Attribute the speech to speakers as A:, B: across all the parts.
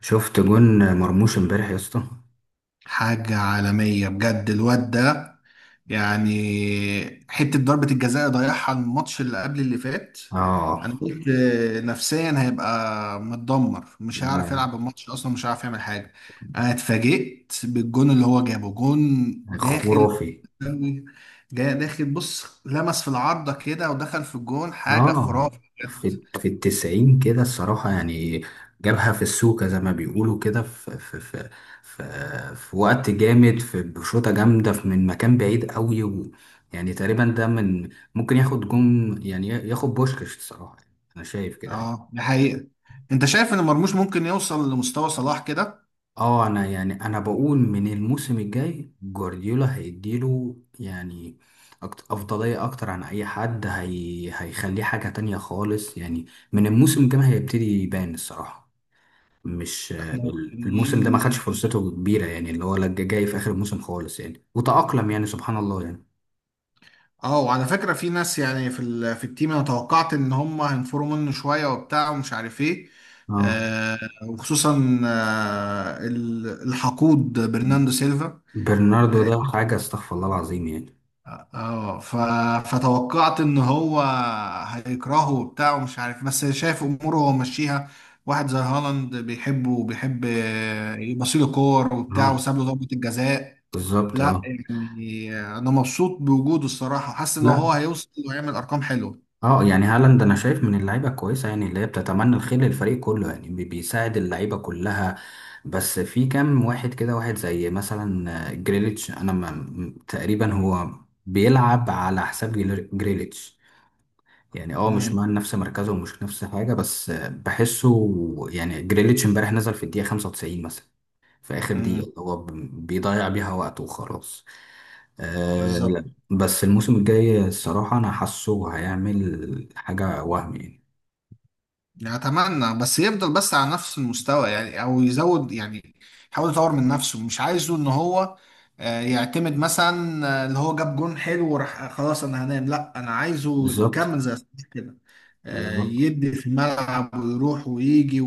A: شفت جون مرموش امبارح يا اسطى.
B: حاجة عالمية بجد الواد ده. يعني حتة ضربة الجزاء ضيعها الماتش اللي قبل اللي فات.
A: اه،
B: أنا قلت نفسيا هيبقى متدمر، مش هيعرف يلعب الماتش أصلا، مش هيعرف يعمل حاجة. أنا اتفاجئت بالجون اللي هو جابه، جون داخل،
A: خرافي.
B: جاي داخل بص لمس في العارضة كده ودخل في الجون، حاجة
A: اه،
B: خرافة بجد.
A: في التسعين كده الصراحة يعني. جابها في السوكة زي ما بيقولوا كده، في وقت جامد، في بشوطة جامدة، من مكان بعيد قوي، و... يعني تقريبا ده من ممكن ياخد جون، يعني ياخد بوشكاش الصراحة يعني. انا شايف كده يعني.
B: اه، دي حقيقة. انت شايف ان مرموش ممكن يوصل لمستوى صلاح كده؟
A: اه، انا يعني انا بقول من الموسم الجاي جوارديولا هيديله يعني افضليه اكتر عن اي حد، هي هيخليه حاجه تانية خالص يعني. من الموسم الجاي هيبتدي يبان الصراحه. مش
B: احنا مستنيين.
A: الموسم ده ما خدش فرصته كبيره يعني، اللي هو لا جاي في اخر الموسم خالص يعني، وتأقلم يعني سبحان الله يعني.
B: اه، وعلى فكرة في ناس يعني في التيم انا توقعت ان هم هينفروا منه شوية وبتاع ومش عارف ايه.
A: اه،
B: آه وخصوصا الحقود برناندو سيلفا.
A: برناردو ده حاجه استغفر الله العظيم يعني.
B: اه ف... فتوقعت ان هو هيكرهه وبتاع ومش عارف، بس شايف اموره هو ماشيها. واحد زي هالاند بيحبه، وبيحب يبصيله كور وبتاع،
A: اه،
B: وساب له ضربة الجزاء.
A: بالظبط،
B: لا
A: اه.
B: يعني انا مبسوط بوجوده الصراحة، حاسس ان هو
A: لا،
B: هيوصل ويعمل ارقام حلوة.
A: اه يعني هالاند انا شايف من اللعيبه الكويسه يعني، اللي هي بتتمنى الخير للفريق كله يعني، بيساعد اللعيبه كلها. بس في كام واحد كده، واحد زي مثلا جريليتش، انا ما م- تقريبا هو بيلعب على حساب جريليتش يعني، اه مش مع
B: مم.
A: نفس مركزه ومش نفس حاجه، بس بحسه. يعني جريليتش امبارح نزل في الدقيقه 95 مثلا، في آخر دقيقة
B: امم.
A: اللي هو بيضيع بيها وقته وخلاص. لا.
B: بالظبط،
A: بس الموسم الجاي الصراحة أنا حاسه هيعمل حاجة وهم يعني.
B: يعني اتمنى بس يفضل بس على نفس المستوى، يعني او يزود، يعني يحاول يطور من نفسه. مش عايزه ان هو يعتمد مثلا اللي هو جاب جون حلو وراح خلاص انا هنام. لا، انا عايزه
A: بالظبط،
B: يكمل زي صلاح كده،
A: بالظبط،
B: يدي في الملعب ويروح ويجي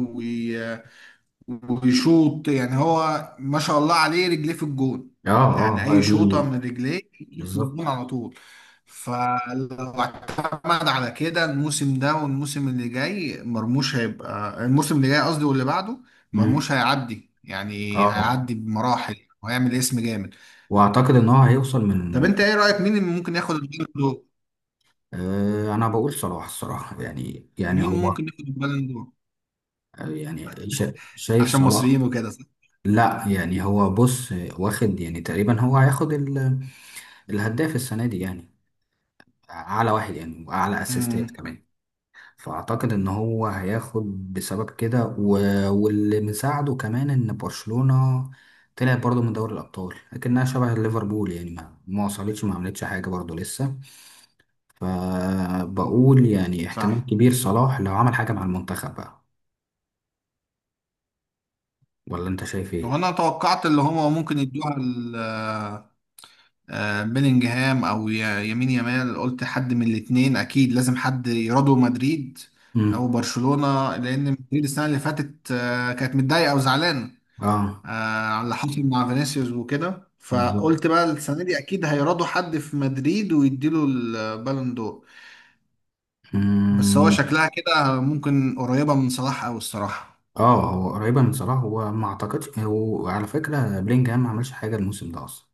B: ويشوط. يعني هو ما شاء الله عليه رجليه في الجون،
A: اه،
B: يعني
A: اه، هي
B: اي
A: دي،
B: شوطه من رجليه في الجون
A: بالظبط،
B: على طول. فلو اعتمد على كده الموسم ده والموسم اللي جاي، مرموش هيبقى الموسم اللي جاي قصدي واللي بعده.
A: مم.
B: مرموش هيعدي يعني،
A: اه،
B: هيعدي بمراحل وهيعمل اسم جامد.
A: وأعتقد إن هو هيوصل
B: طب
A: من...
B: انت ايه رايك، مين اللي ممكن ياخد البالون دور؟
A: أنا بقول صلاح الصراحة يعني
B: مين
A: هو
B: ممكن ياخد البالون دور؟
A: يعني شايف
B: عشان مصريين
A: صلاح.
B: وكده، صح؟
A: لا يعني، هو بص، واخد يعني تقريبا، هو هياخد الهداف السنة دي يعني، اعلى واحد يعني واعلى اسيستات
B: امم،
A: كمان. فاعتقد ان هو هياخد بسبب كده و... واللي مساعده كمان ان برشلونة طلعت برضه من دوري الابطال، لكنها شبه ليفربول يعني، ما وصلتش، ما عملتش حاجه برضه لسه. فبقول يعني احتمال
B: صح.
A: كبير صلاح لو عمل حاجه مع المنتخب بقى. ولا انت شايف ايه؟
B: وانا توقعت اللي هما ممكن يدوها بيلينجهام او يمين يامال. قلت حد من الاثنين اكيد، لازم حد يرادو مدريد او
A: امم.
B: برشلونة. لان مدريد السنة اللي فاتت كانت متضايقة وزعلانة آه،
A: اه،
B: على اللي حصل مع فينيسيوس وكده.
A: بالظبط،
B: فقلت بقى السنة دي اكيد هيرادوا حد في مدريد ويديله البالون دور. بس هو
A: امم،
B: شكلها كده ممكن قريبة من صلاح او الصراحة.
A: اه، هو قريبه من صلاح. هو ما اعتقدش، هو على فكره بلينجهام ما عملش حاجه الموسم ده اصلا،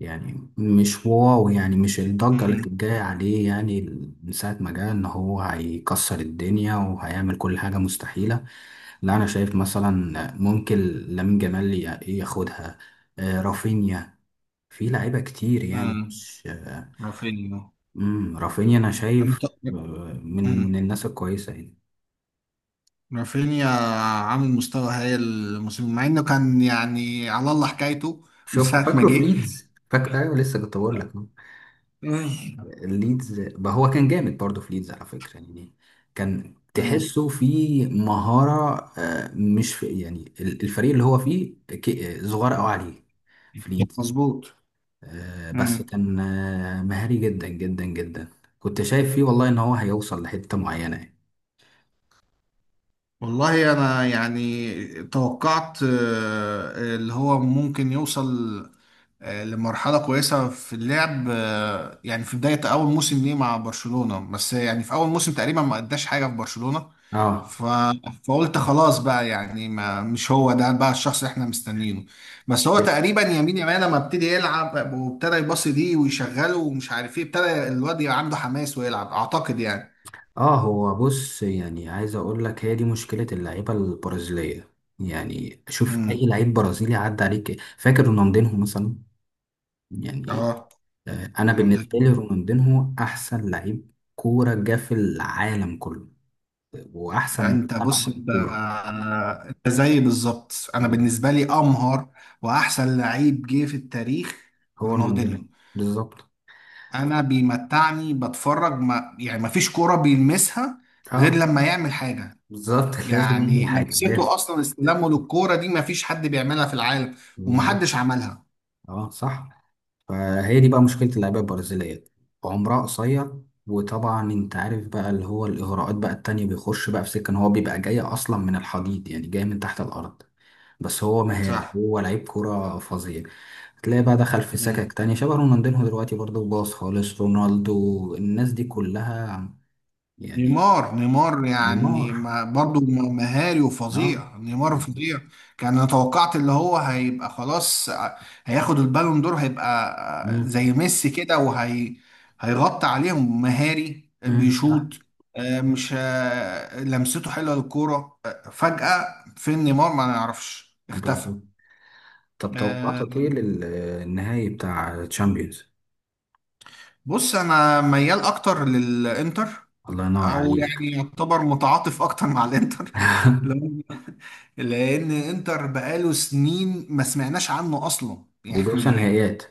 A: يعني مش واو يعني، مش الضجة اللي
B: امم.
A: كانت جاية عليه يعني من ساعة ما جه، إن هو هيكسر الدنيا وهيعمل كل حاجة مستحيلة. لا أنا شايف مثلا ممكن لامين جمال ياخدها. رافينيا، في لعيبة كتير يعني،
B: امم،
A: مش
B: رافينيا.
A: رافينيا أنا
B: انا
A: شايف
B: ط-
A: من
B: مم.
A: الناس الكويسة يعني.
B: رافينيا عامل مستوى هايل الموسم، مع انه كان يعني على الله حكايته من
A: شوف،
B: ساعة ما
A: فاكره في
B: جه.
A: ليدز؟ فاكر؟ أيوه، لسه كنت بقول لك
B: مم.
A: ليدز بقى، هو كان جامد برضه في ليدز على فكرة يعني، كان
B: مم.
A: تحسه في مهارة، مش في يعني الفريق اللي هو فيه صغير قوي عليه، في ليدز.
B: مظبوط.
A: بس كان مهاري جدا جدا جدا، كنت شايف فيه والله ان هو هيوصل لحتة معينة يعني.
B: والله انا يعني توقعت اللي هو ممكن يوصل لمرحلة كويسة في اللعب، يعني في بداية أول موسم ليه مع برشلونة. بس يعني في أول موسم تقريبا ما أداش حاجة في برشلونة.
A: اه،
B: ف... فقلت خلاص بقى، يعني ما مش هو ده بقى الشخص اللي احنا مستنيينه. بس هو تقريبا يمين، يمين لما ابتدي يلعب وابتدى يباصي دي ويشغله ومش عارف ايه، ابتدى الواد يبقى عنده حماس ويلعب أعتقد يعني.
A: اه، هو بص، يعني عايز اقول لك، هي دي مشكلة اللعيبة البرازيلية. يعني شوف
B: امم.
A: اي لعيب برازيلي عدى عليك، فاكر رونالدينهو مثلا، يعني
B: اه.
A: انا بالنسبه لي رونالدينهو احسن لعيب كوره جه في العالم كله، واحسن من
B: انت بص،
A: لمس
B: انت
A: الكوره.
B: انت زيي بالظبط. انا
A: بالظبط.
B: بالنسبه لي امهر واحسن لعيب جه في التاريخ
A: هو
B: رونالدينيو.
A: رونالدينهو. بالظبط،
B: انا بيمتعني بتفرج، ما يعني ما فيش كوره بيلمسها غير
A: اه،
B: لما يعمل حاجه.
A: بالظبط. لازم يعمل
B: يعني
A: حاجه لازم.
B: لمسته اصلا، استلامه للكوره دي ما فيش حد بيعملها في العالم،
A: بالظبط،
B: ومحدش عملها.
A: اه، صح. فهي دي بقى مشكله اللعيبه البرازيليه، عمرها قصير. وطبعا انت عارف بقى، اللي هو الاغراءات بقى التانية بيخش بقى في سكه، ان هو بيبقى جاي اصلا من الحضيض يعني، جاي من تحت الارض. بس هو مهاري،
B: صح.
A: هو لعيب كوره فظيع. هتلاقيه بقى دخل في سكك
B: مم.
A: تاني شبه رونالدينهو، دلوقتي برضه باظ خالص، رونالدو، الناس دي كلها يعني.
B: نيمار، نيمار يعني
A: نيمار،
B: ما برضو مهاري
A: اه،
B: وفظيع، نيمار فظيع. كان انا توقعت اللي هو هيبقى خلاص هياخد البالون دور، هيبقى
A: امم،
B: زي ميسي كده وهي هيغطي عليهم مهاري
A: امم، صح،
B: بيشوط، مش لمسته حلوه للكوره. فجأة فين نيمار ما نعرفش، اختفى.
A: بالظبط. طب توقعاتك ايه
B: آه،
A: للنهائي بتاع تشامبيونز؟
B: بص انا ميال اكتر للانتر،
A: الله ينور
B: او
A: عليك.
B: يعني يعتبر متعاطف اكتر مع الانتر. لان انتر بقاله سنين ما سمعناش عنه اصلا
A: وبيوصل
B: يعني.
A: نهائيات.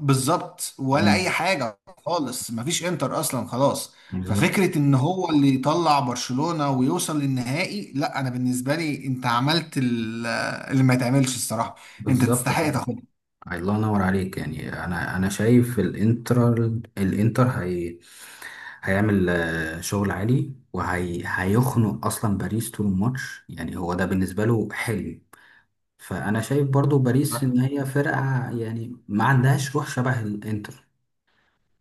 B: بالظبط، ولا اي
A: امم،
B: حاجه خالص، ما فيش انتر اصلا خلاص.
A: بالظبط،
B: ففكره ان هو اللي يطلع برشلونه ويوصل للنهائي، لا، انا بالنسبه لي انت عملت اللي ما يتعملش الصراحه، انت
A: بالظبط.
B: تستحق تاخدها.
A: الله ينور عليك يعني، انا شايف الانتر، الانتر هي هيعمل شغل عالي، وهي هيخنق اصلا باريس طول الماتش يعني، هو ده بالنسبه له حلم. فانا شايف برضو باريس ان هي فرقه يعني ما عندهاش روح شبه الانتر،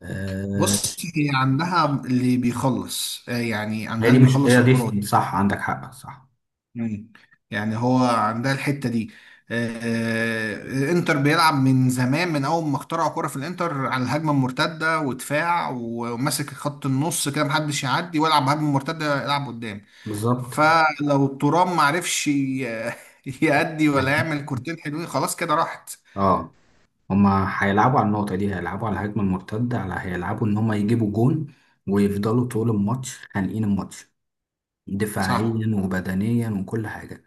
A: آه،
B: بص هي عندها اللي بيخلص، يعني
A: هي
B: عندها
A: دي،
B: اللي
A: مش
B: بيخلص
A: هي
B: الكرة.
A: دي، صح، عندك حق، صح.
B: مم. يعني هو عندها الحتة دي. الانتر بيلعب من زمان، من اول ما اخترعوا كرة، في الانتر على الهجمة المرتدة ودفاع وماسك خط النص كده، محدش يعدي ويلعب هجمة مرتدة، يلعب قدام.
A: بالظبط،
B: فلو ترام معرفش يأدي ولا يعمل كورتين حلوين، خلاص كده راحت.
A: اه، هما هيلعبوا على النقطة دي، هيلعبوا على الهجمة المرتدة، على هيلعبوا ان هما يجيبوا جون، ويفضلوا طول الماتش خانقين الماتش
B: صح.
A: دفاعيا وبدنيا وكل حاجة.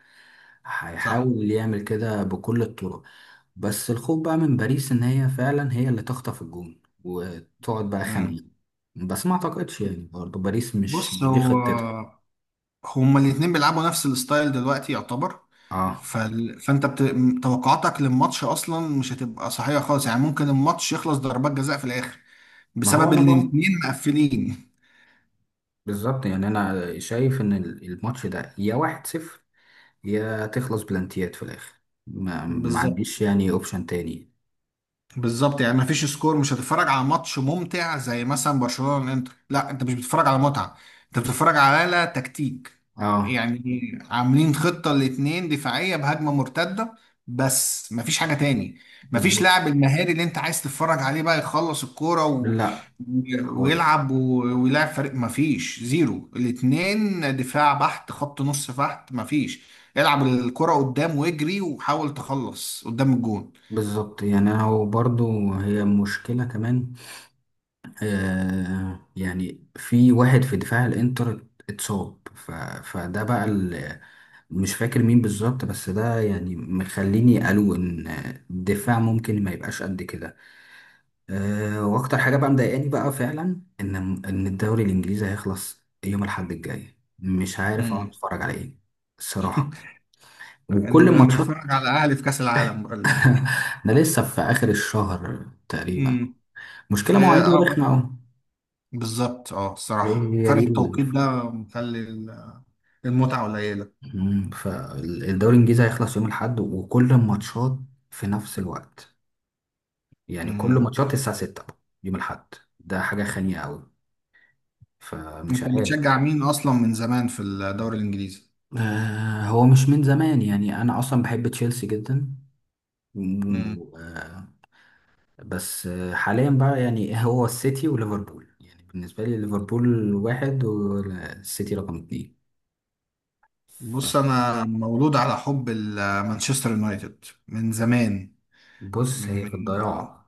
B: صح.
A: هيحاول يعمل كده بكل الطرق. بس الخوف بقى من باريس، ان هي فعلا هي اللي تخطف الجون وتقعد بقى
B: مم.
A: خانقة. بس ما اعتقدش يعني، برضه باريس مش
B: بص
A: مش دي
B: هو
A: خطتها.
B: هما الاتنين بيلعبوا نفس الستايل دلوقتي يعتبر.
A: اه،
B: فال... فانت بت... م- توقعاتك للماتش اصلا مش هتبقى صحيحه خالص، يعني ممكن الماتش يخلص ضربات جزاء في الاخر
A: ما هو
B: بسبب
A: انا
B: ان
A: بقى
B: الاتنين مقفلين.
A: بالظبط يعني، انا شايف ان الماتش ده يا واحد صفر، يا تخلص بلانتيات في الاخر. ما عنديش
B: بالظبط،
A: يعني اوبشن تاني.
B: بالظبط. يعني مفيش سكور، مش هتتفرج على ماتش ممتع زي مثلا برشلونة والانتر. لا، انت مش بتتفرج على متعة، انت بتتفرج على تكتيك.
A: اه،
B: يعني عاملين خطة الاتنين دفاعية بهجمة مرتدة، بس مفيش حاجة تاني. مفيش
A: بالظبط،
B: لاعب المهاري اللي انت عايز تتفرج عليه بقى يخلص الكورة
A: لا، خالص،
B: ويلعب فريق. مفيش زيرو، الاتنين دفاع بحت خط نص بحت، مفيش. العب الكرة قدام واجري وحاول تخلص قدام الجون.
A: بالظبط يعني. انا وبرضه، هي مشكلة كمان، يعني في واحد في دفاع الانتر اتصاب، ف... فده بقى مش فاكر مين بالظبط، بس ده يعني مخليني قالوا ان الدفاع ممكن ما يبقاش قد كده. واكتر حاجة بقى مضايقاني بقى فعلا، ان الدوري الانجليزي هيخلص يوم الاحد الجاي، مش عارف اقعد
B: مم.
A: اتفرج على ايه الصراحة،
B: إن-
A: وكل
B: نتفرج
A: الماتشات.
B: على الاهلي في كاس العالم بقى
A: ده لسه في اخر الشهر تقريبا.
B: امم. في
A: مشكلة مواعيده
B: اه
A: رخمة
B: فرق-
A: أوي.
B: بالظبط، الصراحه
A: هي
B: فرق
A: دي
B: التوقيت ده مخلي المتعه قليله.
A: فالدوري الإنجليزي هيخلص يوم الأحد، وكل الماتشات في نفس الوقت، يعني كل
B: امم.
A: ماتشات الساعة 6 يوم الأحد، ده حاجة خانية أوي، فمش
B: انت
A: عارف.
B: بتشجع مين اصلا من زمان في الدوري الانجليزي؟
A: هو مش من زمان يعني، أنا أصلا بحب تشيلسي جدا.
B: امم.
A: مم، آه. بس حاليا بقى يعني هو السيتي وليفربول يعني، بالنسبة لي ليفربول واحد والسيتي رقم اتنين.
B: بص انا مولود على حب مانشستر يونايتد من زمان.
A: فبص هي
B: من
A: في الضياع.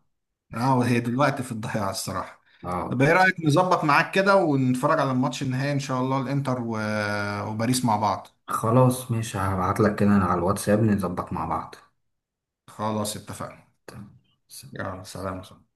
B: اه وهي دلوقتي في الضياع الصراحه. طب ايه
A: اه،
B: رايك نظبط معاك كده ونتفرج على الماتش النهائي ان شاء الله الانتر وباريس مع بعض.
A: خلاص ماشي، هبعت لك كده على الواتساب، نظبط مع بعض.
B: خلاص اتفقنا.
A: تمام.
B: يلا سلام.